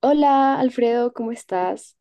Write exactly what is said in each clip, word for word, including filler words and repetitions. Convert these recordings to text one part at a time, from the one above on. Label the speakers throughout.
Speaker 1: Hola, Alfredo, ¿cómo estás?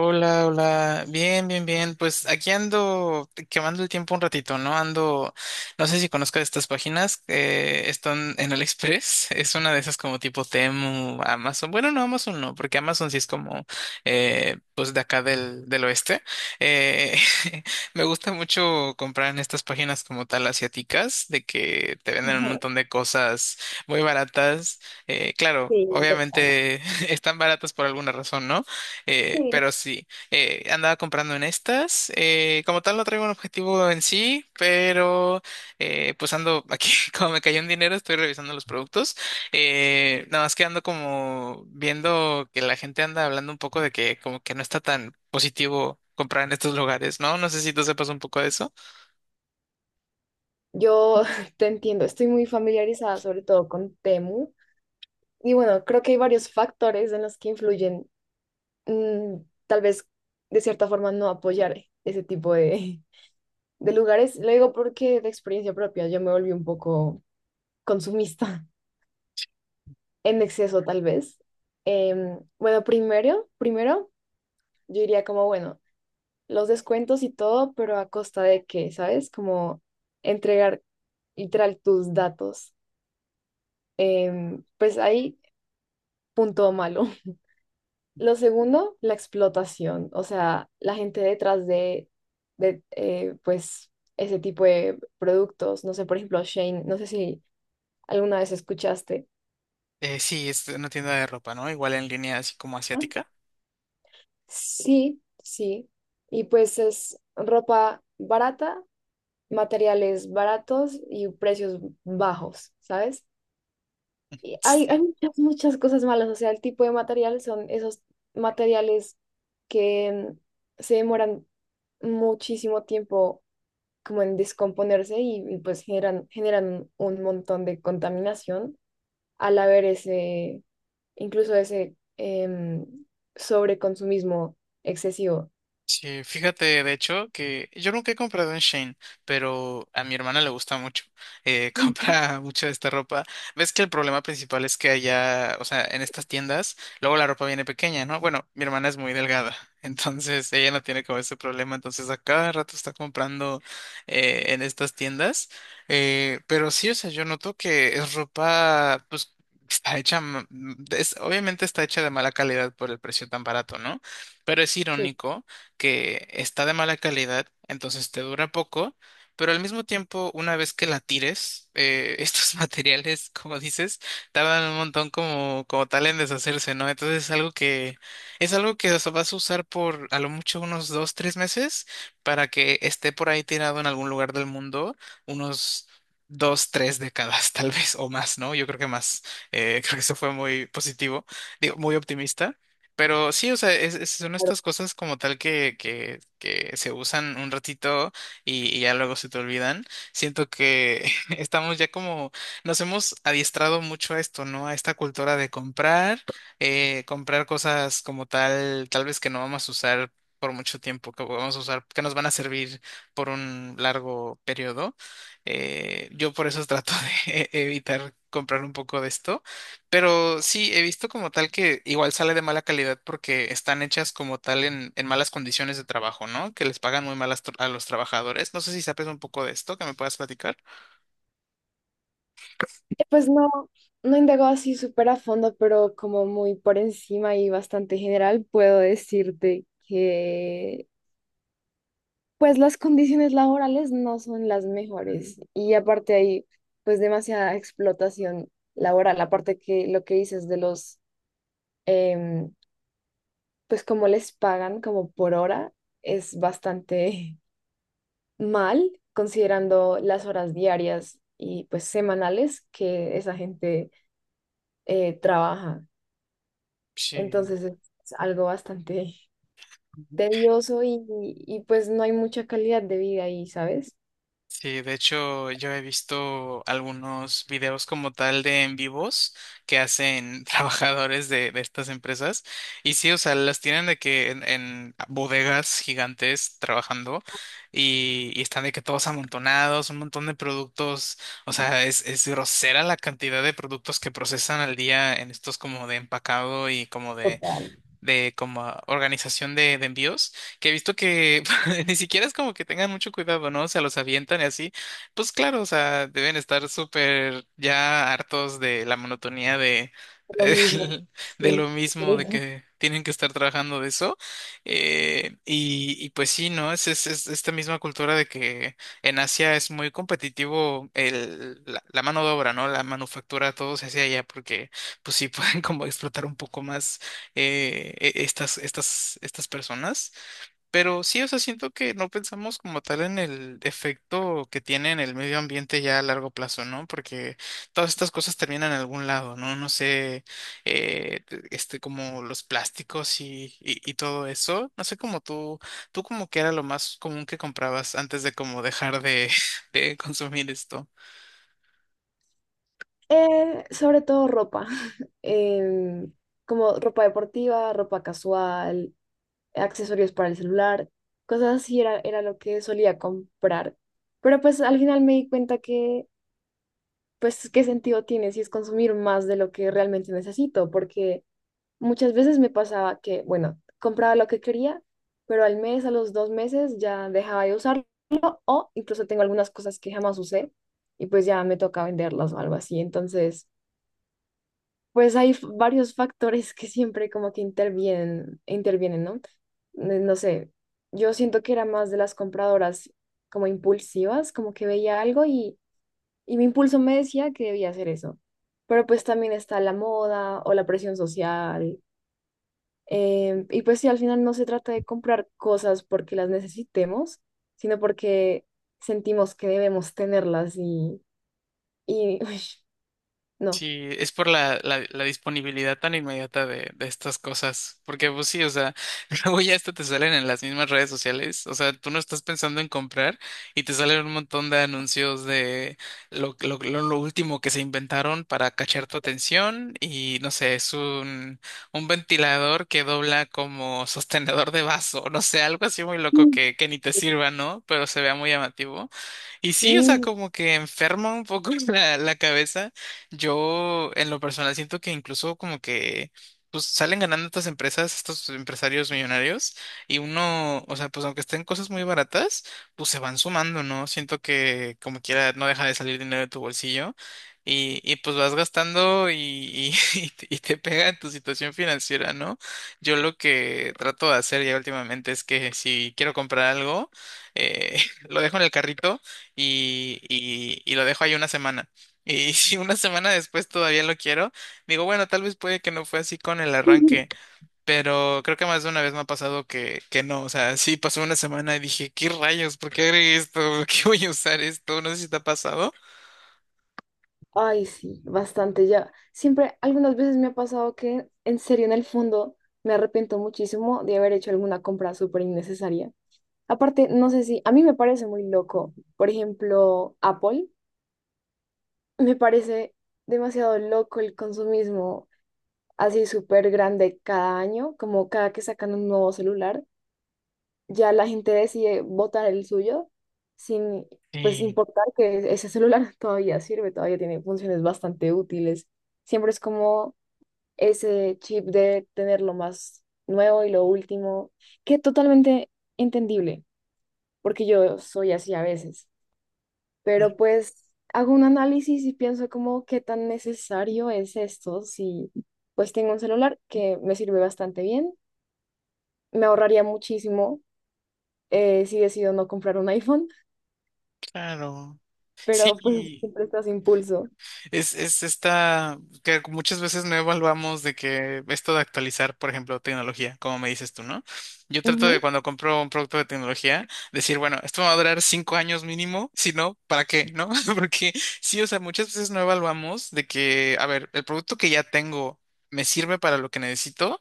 Speaker 2: Hola, hola. Bien, bien, bien. Pues aquí ando quemando el tiempo un ratito, ¿no? Ando, no sé si conozcas estas páginas, eh, están en AliExpress. Es una de esas como tipo Temu, Amazon. Bueno, no, Amazon no, porque Amazon sí es como, eh, pues de acá del, del oeste. Eh, Me gusta mucho comprar en estas páginas como tal asiáticas, de que te venden un montón de cosas muy baratas. Eh, claro, obviamente están baratas por alguna razón, ¿no? Eh, pero sí, eh, andaba comprando en estas. eh, como tal, no traigo un objetivo en sí, pero eh, pues ando aquí, como me cayó un dinero, estoy revisando los productos. Eh, nada más que ando como viendo que la gente anda hablando un poco de que como que no está tan positivo comprar en estos lugares, ¿no? No sé si tú sepas un poco de eso.
Speaker 1: Yo te entiendo, estoy muy familiarizada sobre todo con Temu y bueno, creo que hay varios factores en los que influyen, mm, tal vez de cierta forma no apoyar ese tipo de, de lugares. Lo digo porque de experiencia propia yo me volví un poco consumista en exceso tal vez. Em, bueno, primero, primero yo diría como, bueno, los descuentos y todo, pero a costa de qué, ¿sabes? Como entregar literal tus datos. Em, pues ahí, punto malo. Lo segundo, la explotación, o sea, la gente detrás de, de eh, pues, ese tipo de productos, no sé, por ejemplo, Shane, no sé si alguna vez escuchaste.
Speaker 2: Eh, sí, es una tienda de ropa, ¿no? Igual en línea así como
Speaker 1: ¿No?
Speaker 2: asiática.
Speaker 1: Sí, sí. Y pues es ropa barata, materiales baratos y precios bajos, ¿sabes? Y hay, hay muchas, muchas cosas malas, o sea, el tipo de material son esos materiales que mm, se demoran muchísimo tiempo como en descomponerse y, y, pues generan, generan un montón de contaminación al haber ese, incluso ese em, sobreconsumismo excesivo.
Speaker 2: Sí, fíjate, de hecho, que yo nunca he comprado en Shane, pero a mi hermana le gusta mucho. Eh,
Speaker 1: Ujú.
Speaker 2: compra mucho de esta ropa. Ves que el problema principal es que allá, o sea, en estas tiendas, luego la ropa viene pequeña, ¿no? Bueno, mi hermana es muy delgada, entonces ella no tiene como ese problema, entonces a cada rato está comprando eh, en estas tiendas. Eh, pero sí, o sea, yo noto que es ropa, pues, está hecha, ma- es, obviamente está hecha de mala calidad por el precio tan barato, ¿no? Pero es
Speaker 1: Sí.
Speaker 2: irónico que está de mala calidad, entonces te dura poco, pero al mismo tiempo, una vez que la tires, eh, estos materiales, como dices, tardan un montón como, como tal en deshacerse, ¿no? Entonces es algo que, es algo que, o sea, vas a usar por a lo mucho unos dos, tres meses para que esté por ahí tirado en algún lugar del mundo unos dos, tres décadas, tal vez, o más, ¿no? Yo creo que más. Eh, creo que eso fue muy positivo, digo, muy optimista. Pero sí, o sea, es- es- son estas cosas como tal que, que, que se usan un ratito y, y ya luego se te olvidan. Siento que estamos ya como, nos hemos adiestrado mucho a esto, ¿no? A esta cultura de comprar, eh, comprar cosas como tal, tal vez que no vamos a usar por mucho tiempo, que vamos a usar, que nos van a servir por un largo periodo. Eh, yo por eso trato de evitar comprar un poco de esto. Pero sí, he visto como tal que igual sale de mala calidad porque están hechas como tal en, en malas condiciones de trabajo, ¿no? Que les pagan muy mal a, a los trabajadores. No sé si sabes un poco de esto, que me puedas platicar.
Speaker 1: Eh, pues no, no indago así súper a fondo, pero como muy por encima y bastante general, puedo decirte que pues las condiciones laborales no son las mejores y aparte hay pues demasiada explotación laboral, aparte que lo que dices de los, em, pues como les pagan como por hora es bastante mal considerando las horas diarias y pues semanales que esa gente eh, trabaja.
Speaker 2: Sí.
Speaker 1: Entonces es es algo bastante tedioso y, y pues no hay mucha calidad de vida ahí, ¿sabes?
Speaker 2: Sí, de hecho yo he visto algunos videos como tal de en vivos que hacen trabajadores de, de estas empresas y sí, o sea, las tienen de que en, en bodegas gigantes trabajando y, y están de que todos amontonados, un montón de productos, o sea, es, es grosera la cantidad de productos que procesan al día en estos como de empacado y como
Speaker 1: Total.
Speaker 2: de como organización de, de envíos, que he visto que ni siquiera es como que tengan mucho cuidado, ¿no? O sea, los avientan y así. Pues claro, o sea, deben estar súper ya hartos de la monotonía de,
Speaker 1: Lo mismo,
Speaker 2: de
Speaker 1: sí.
Speaker 2: lo
Speaker 1: Por
Speaker 2: mismo, de que tienen que estar trabajando de eso. Eh, y, y pues sí, ¿no? Es, es, es esta misma cultura de que en Asia es muy competitivo el, la, la mano de obra, ¿no? La manufactura, todo se hace allá porque pues sí pueden como explotar un poco más eh, e- estas, estas, estas personas. Pero sí, o sea, siento que no pensamos como tal en el efecto que tiene en el medio ambiente ya a largo plazo, ¿no? Porque todas estas cosas terminan en algún lado, ¿no? No sé, eh, este, como los plásticos y, y, y todo eso. No sé cómo tú, tú como que era lo más común que comprabas antes de como dejar de, de consumir esto.
Speaker 1: Eh, sobre todo ropa, em, como ropa deportiva, ropa casual, accesorios para el celular, cosas así era, era lo que solía comprar. Pero pues al final me di cuenta que, pues, ¿qué sentido tiene si es consumir más de lo que realmente necesito? Porque muchas veces me pasaba que, bueno, compraba lo que quería, pero al mes, a los dos meses ya dejaba de usarlo o incluso tengo algunas cosas que jamás usé y pues ya me toca venderlas o algo así. Entonces, pues hay f- varios factores que siempre como que intervienen, intervienen, ¿no? Eh, No sé, yo siento que era más de las compradoras como impulsivas, como que veía algo y, y mi impulso me decía que debía hacer eso. Pero pues también está la moda o la presión social, eh, y pues sí, al final no se trata de comprar cosas porque las necesitemos, sino porque sentimos que debemos tenerlas y, y uy, no.
Speaker 2: Sí, es por la, la, la disponibilidad tan inmediata de, de estas cosas. Porque, pues sí, o sea, luego ya esto te salen en las mismas redes sociales. O sea, tú no estás pensando en comprar y te salen un montón de anuncios de lo, lo, lo, lo último que se inventaron para cachar tu atención. Y no sé, es un, un ventilador que dobla como sostenedor de vaso. No sé, algo así muy loco que, que ni te sirva, ¿no? Pero se vea muy llamativo. Y sí, o sea,
Speaker 1: Sí.
Speaker 2: como que enferma un poco la, la cabeza. Yo en lo personal siento que incluso como que pues salen ganando estas empresas, estos empresarios millonarios y uno, o sea, pues aunque estén cosas muy baratas, pues se van sumando, ¿no? Siento que como quiera no deja de salir dinero de tu bolsillo y, y pues vas gastando y, y, y te y te pega en tu situación financiera, ¿no? Yo lo que trato de hacer ya últimamente es que si quiero comprar algo, eh, lo dejo en el carrito y, y, y lo dejo ahí una semana. Y si una semana después todavía lo quiero, digo, bueno, tal vez puede que no fue así con el arranque, pero creo que más de una vez me ha pasado que, que no, o sea, sí pasó una semana y dije, ¿qué rayos? ¿Por qué agregué esto? ¿Por qué voy a usar esto? No sé si te ha pasado.
Speaker 1: Ay, sí, bastante ya. Siempre, algunas veces me ha pasado que en serio, en el fondo, me arrepiento muchísimo de haber hecho alguna compra súper innecesaria. Aparte, no sé si, a mí me parece muy loco. Por ejemplo, Apple, me parece demasiado loco el consumismo. Así súper grande cada año, como cada que sacan un nuevo celular, ya la gente decide botar el suyo sin pues
Speaker 2: Sí,
Speaker 1: importar que ese celular todavía sirve, todavía tiene funciones bastante útiles. Siempre es como ese chip de tener lo más nuevo y lo último, que totalmente entendible, porque yo soy así a veces, pero pues hago un análisis y pienso como qué tan necesario es esto si pues tengo un celular que me sirve bastante bien. Me ahorraría muchísimo, eh, si decido no comprar un iPhone,
Speaker 2: claro.
Speaker 1: pero pues
Speaker 2: Sí.
Speaker 1: siempre estás impulso.
Speaker 2: Es, es esta que muchas veces no evaluamos de que esto de actualizar, por ejemplo, tecnología, como me dices tú, ¿no? Yo trato de
Speaker 1: Ujú.
Speaker 2: cuando compro un producto de tecnología, decir, bueno, esto me va a durar cinco años mínimo, si no, ¿para qué? ¿No? Porque sí, o sea, muchas veces no evaluamos de que, a ver, el producto que ya tengo me sirve para lo que necesito.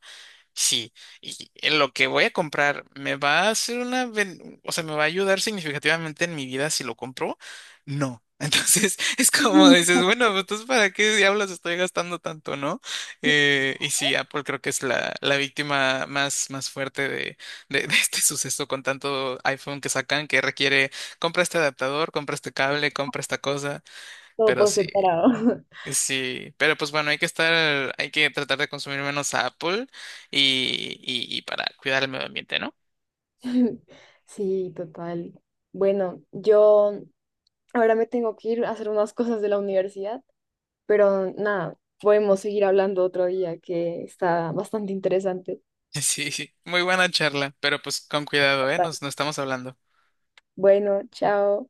Speaker 2: Sí, y en lo que voy a comprar me va a hacer una, ben- o sea, me va a ayudar significativamente en mi vida si lo compro. No. Entonces es como dices, bueno, pues, entonces ¿para qué diablos estoy gastando tanto, no? Eh, y sí, Apple creo que es la, la víctima más, más fuerte de, de, de este suceso con tanto iPhone que sacan que requiere compra este adaptador, compra este cable, compra esta cosa,
Speaker 1: Todo
Speaker 2: pero
Speaker 1: por
Speaker 2: sí.
Speaker 1: separado.
Speaker 2: Sí, pero pues bueno, hay que estar, hay que tratar de consumir menos Apple y, y, y para cuidar el medio ambiente, ¿no?
Speaker 1: Sí, total. Bueno, yo ahora me tengo que ir a hacer unas cosas de la universidad, pero nada, podemos seguir hablando otro día que está bastante interesante.
Speaker 2: Sí, sí, muy buena charla, pero pues con cuidado, ¿eh? Nos, nos estamos hablando.
Speaker 1: Bueno, chao.